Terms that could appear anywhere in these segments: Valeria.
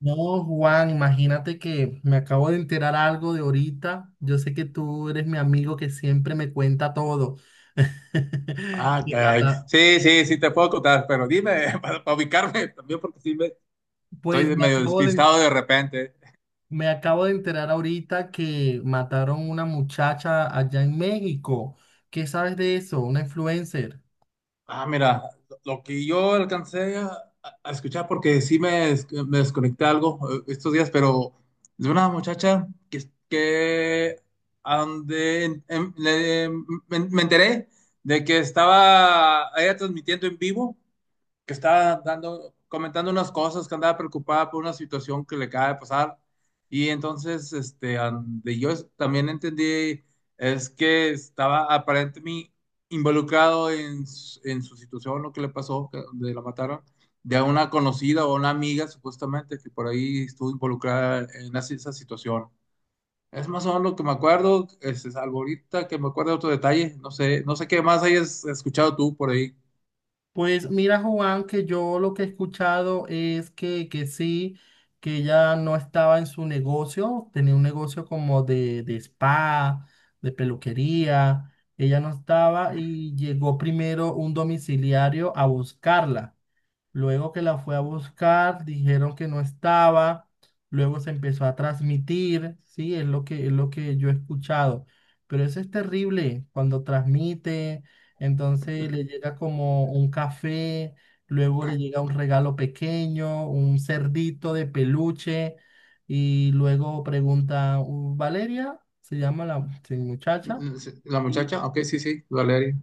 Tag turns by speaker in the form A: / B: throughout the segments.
A: No, Juan, imagínate que me acabo de enterar algo de ahorita. Yo sé que tú eres mi amigo que siempre me cuenta todo.
B: Ah,
A: Y
B: caray.
A: mata.
B: Sí, sí, sí te puedo contar, pero dime, para ubicarme también, porque sí me,
A: Pues
B: estoy
A: me
B: medio
A: acabo de,
B: despistado de repente.
A: Me acabo de enterar ahorita que mataron una muchacha allá en México. ¿Qué sabes de eso? Una influencer.
B: Ah, mira, lo que yo alcancé a escuchar, porque sí me, me desconecté algo estos días, pero de una muchacha que ande, me enteré de que estaba ella transmitiendo en vivo que estaba dando, comentando unas cosas, que andaba preocupada por una situación que le acaba de pasar. Y entonces, donde yo también entendí es que estaba aparentemente involucrado en, en su situación, lo que le pasó, donde la mataron, de una conocida o una amiga, supuestamente, que por ahí estuvo involucrada en esa situación. Es más o menos lo que me acuerdo, es algo ahorita que me acuerdo de otro detalle, no sé, no sé qué más hayas escuchado tú por ahí.
A: Pues mira, Juan, que yo lo que he escuchado es que sí, que ella no estaba en su negocio, tenía un negocio como de spa, de peluquería, ella no estaba y llegó primero un domiciliario a buscarla. Luego que la fue a buscar, dijeron que no estaba. Luego se empezó a transmitir, sí, es lo que yo he escuchado. Pero eso es terrible cuando transmite, entonces le llega como un café, luego le llega un regalo pequeño, un cerdito de peluche, y luego pregunta, Valeria, se llama la sí, muchacha,
B: Mm, sí, la
A: y,
B: muchacha, ok, sí, sí, Valeria.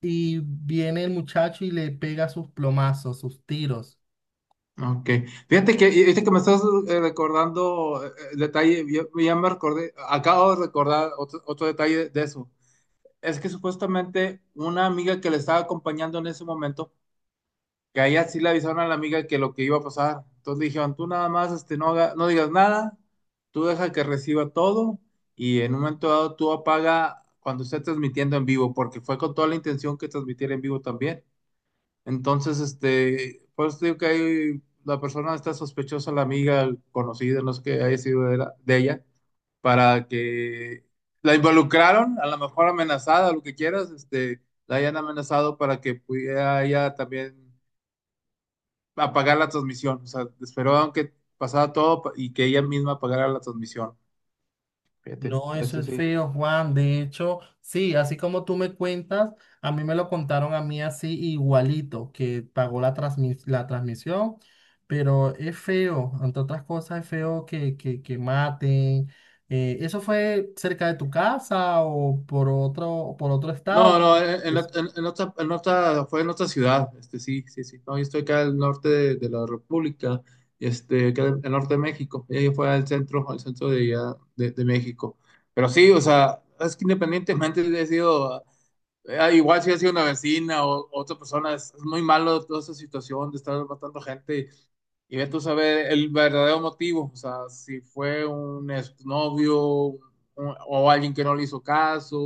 A: y viene el muchacho y le pega sus plomazos, sus tiros.
B: Ok. Fíjate que, viste que me estás recordando el detalle, yo ya me recordé, acabo de recordar otro, otro detalle de eso. Es que supuestamente una amiga que le estaba acompañando en ese momento, que a ella sí le avisaron a la amiga que lo que iba a pasar. Entonces dijeron, tú nada más no, no digas nada, tú deja que reciba todo y en un momento dado tú apaga cuando esté transmitiendo en vivo, porque fue con toda la intención que transmitiera en vivo también. Entonces, pues digo que ahí la persona está sospechosa, la amiga conocida, no sé qué haya sido de, de ella, para que la involucraron, a lo mejor amenazada, lo que quieras, la hayan amenazado para que pudiera ella también apagar la transmisión. O sea, esperaron que pasara todo y que ella misma apagara la transmisión. Fíjate,
A: No, eso
B: eso
A: es
B: sí.
A: feo, Juan. De hecho, sí, así como tú me cuentas, a mí me lo contaron a mí así igualito, que pagó la la transmisión, pero es feo, entre otras cosas, es feo que maten. ¿Eso fue cerca de tu casa o por otro estado?
B: No, no, fue en otra ciudad, sí, sí, sí, no, yo estoy acá al norte de la República, acá en el norte de México, y ella fue al centro de, allá de México, pero sí, o sea, es que independientemente de haya sido, igual si ha sido una vecina o otra persona, es muy malo toda esa situación de estar matando gente, y ves tú saber el verdadero motivo, o sea, si fue un exnovio o alguien que no le hizo caso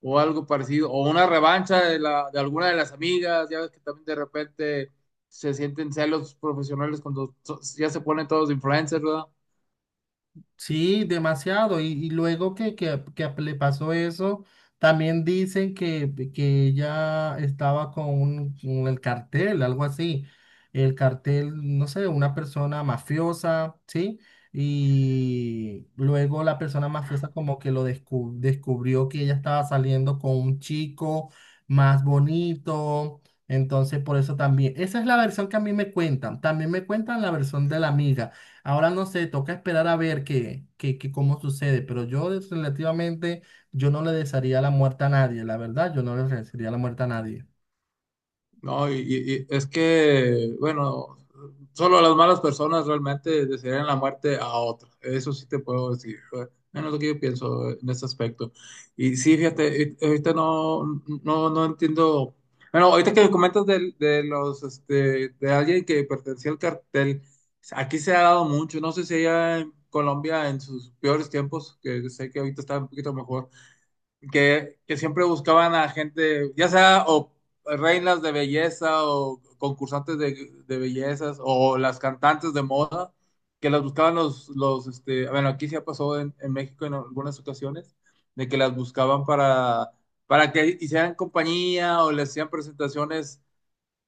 B: o algo parecido, o una revancha de, la, de alguna de las amigas, ya ves que también de repente se sienten celos profesionales cuando ya se ponen todos influencers, ¿verdad?
A: Sí, demasiado. Y luego que le pasó eso, también dicen que ella estaba con el cartel, algo así. El cartel, no sé, una persona mafiosa, ¿sí? Y luego la persona mafiosa como que lo descubrió que ella estaba saliendo con un chico más bonito. Entonces, por eso también, esa es la versión que a mí me cuentan. También me cuentan la versión de la amiga. Ahora no sé, toca esperar a ver cómo sucede, pero yo relativamente, yo no le desearía la muerte a nadie, la verdad, yo no le desearía la muerte a nadie.
B: No, y es que, bueno, solo las malas personas realmente desearían la muerte a otros. Eso sí te puedo decir. Menos lo que yo pienso en este aspecto. Y sí, fíjate, ahorita no, no, no entiendo. Bueno, ahorita que comentas de, los, de alguien que pertenecía al cartel, aquí se ha dado mucho. No sé si allá en Colombia en sus peores tiempos, que sé que ahorita está un poquito mejor que siempre buscaban a gente, ya sea o reinas de belleza o concursantes de bellezas o las cantantes de moda, que las buscaban los bueno, aquí ya pasó en México en algunas ocasiones, de que las buscaban para que hicieran compañía o les hacían presentaciones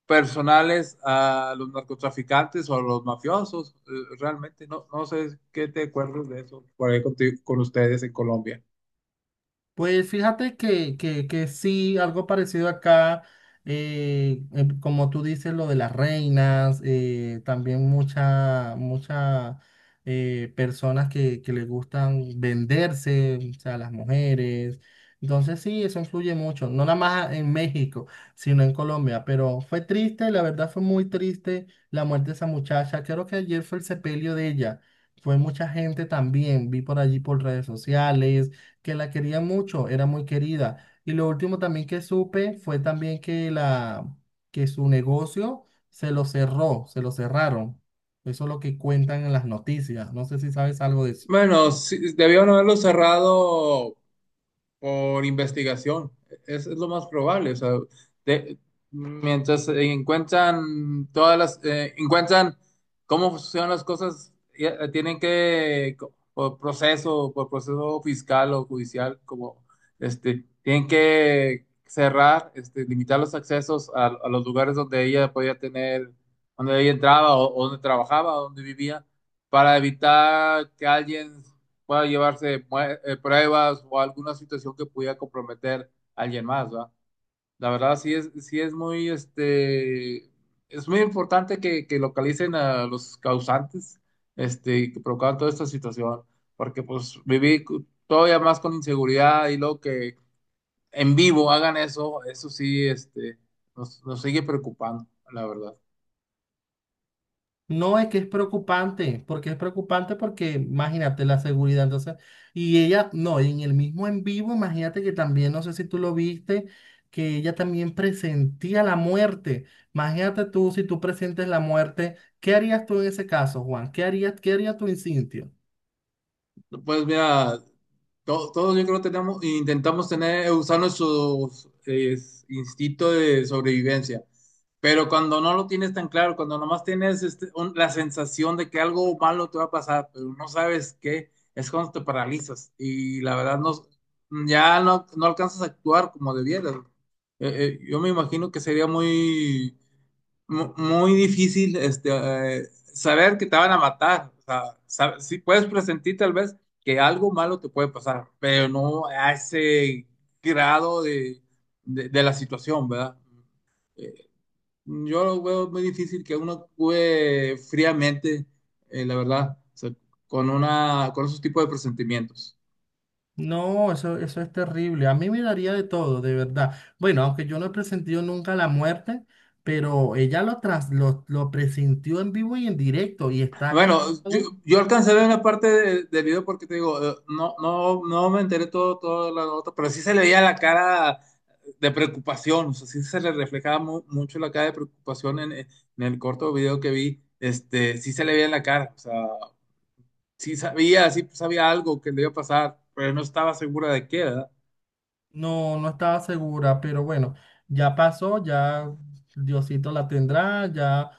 B: personales a los narcotraficantes o a los mafiosos, realmente, no, no sé qué te acuerdas de eso por ahí con ustedes en Colombia.
A: Pues fíjate que sí, algo parecido acá, como tú dices, lo de las reinas, también muchas muchas personas que les gustan venderse, o sea, las mujeres. Entonces sí, eso influye mucho, no nada más en México, sino en Colombia, pero fue triste, la verdad fue muy triste la muerte de esa muchacha. Creo que ayer fue el sepelio de ella. Fue mucha gente también, vi por allí por redes sociales que la quería mucho, era muy querida. Y lo último también que supe fue también que su negocio se lo cerraron. Eso es lo que cuentan en las noticias. No sé si sabes algo de eso.
B: Bueno, sí, debieron haberlo cerrado por investigación. Es lo más probable. O sea, de- mientras encuentran todas las, encuentran cómo funcionan las cosas, ya, tienen que, por proceso fiscal o judicial, como tienen que cerrar, limitar los accesos a los lugares donde ella podía tener, donde ella entraba o donde trabajaba, o donde vivía para evitar que alguien pueda llevarse pruebas o alguna situación que pudiera comprometer a alguien más, ¿va? La verdad sí es muy, es muy importante que localicen a los causantes, que provocaron toda esta situación, porque pues viví todavía más con inseguridad y luego que en vivo hagan eso, eso sí, nos, nos sigue preocupando, la verdad.
A: No, es que es preocupante porque imagínate la seguridad, entonces, y ella, no, y en el mismo en vivo, imagínate que también, no sé si tú lo viste, que ella también presentía la muerte. Imagínate tú, si tú presentes la muerte, ¿qué harías tú en ese caso, Juan? ¿Qué harías, qué haría tu instinto?
B: Pues mira, todos, yo creo tenemos, intentamos tener, usar nuestros instintos de sobrevivencia, pero cuando no lo tienes tan claro, cuando nomás tienes la sensación de que algo malo te va a pasar, pero no sabes qué, es cuando te paralizas y la verdad no, ya no, no alcanzas a actuar como debieras. Yo me imagino que sería muy muy difícil eh, saber que te van a matar. O sea, sí puedes presentir tal vez que algo malo te puede pasar, pero no a ese grado de la situación, ¿verdad? Eh, yo lo veo muy difícil que uno actúe fríamente, la verdad, o sea, con, una, con esos tipos de presentimientos.
A: No, eso es terrible. A mí me daría de todo, de verdad. Bueno, aunque yo no he presentido nunca la muerte, pero ella lo presintió en vivo y en directo y está
B: Bueno, yo,
A: grabado.
B: yo alcancé a ver una parte del video porque te digo, no, no, no me enteré todo, todo la nota, pero sí se le veía la cara de preocupación, o sea, sí se le reflejaba mucho la cara de preocupación en el corto video que vi, sí se le veía en la cara, o sea, sí sabía algo que le iba a pasar, pero no estaba segura de qué, ¿verdad?
A: No, no estaba segura, pero bueno, ya pasó, ya Diosito la tendrá, ya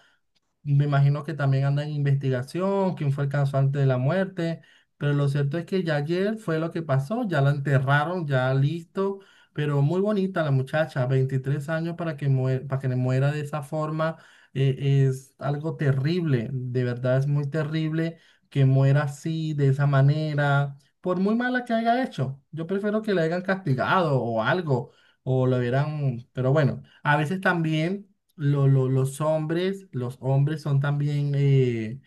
A: me imagino que también anda en investigación, quién fue el causante de la muerte, pero lo cierto es que ya ayer fue lo que pasó, ya la enterraron, ya listo, pero muy bonita la muchacha, 23 años para que muera, para que le muera de esa forma, eh, es algo terrible, de verdad es muy terrible que muera así, de esa manera, por muy mala que haya hecho. Yo prefiero que la hayan castigado o algo, o lo hubieran, pero bueno, a veces también los hombres son también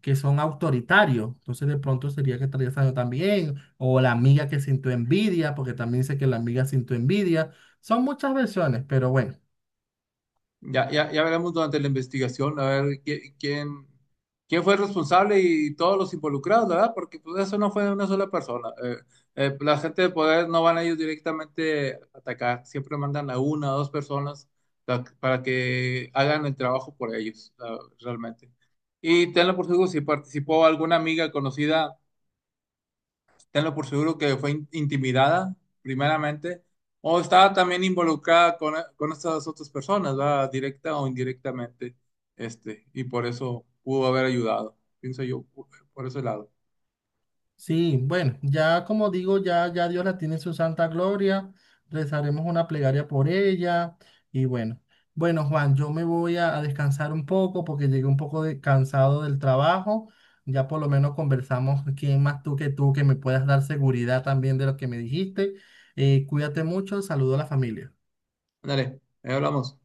A: que son autoritarios. Entonces de pronto sería que estaría algo también. O la amiga que sintió envidia, porque también dice que la amiga sintió envidia. Son muchas versiones, pero bueno.
B: Ya, ya, ya veremos durante la investigación, a ver quién, quién fue el responsable y todos los involucrados, ¿verdad? Porque pues eso no fue una sola persona. La gente de poder no van a ellos directamente a atacar, siempre mandan a una o dos personas para que hagan el trabajo por ellos, ah, realmente. Y tenlo por seguro, si participó alguna amiga conocida tenlo por seguro que fue intimidada, primeramente, o estaba también involucrada con estas otras personas, ¿verdad? Directa o indirectamente, y por eso pudo haber ayudado, pienso yo, por ese lado.
A: Sí, bueno, ya como digo, ya Dios la tiene en su santa gloria, rezaremos una plegaria por ella y bueno, bueno Juan, yo me voy a descansar un poco porque llegué un poco cansado del trabajo, ya por lo menos conversamos, quién más tú que me puedas dar seguridad también de lo que me dijiste. Cuídate mucho, saludo a la familia.
B: Ándale, ahí hablamos.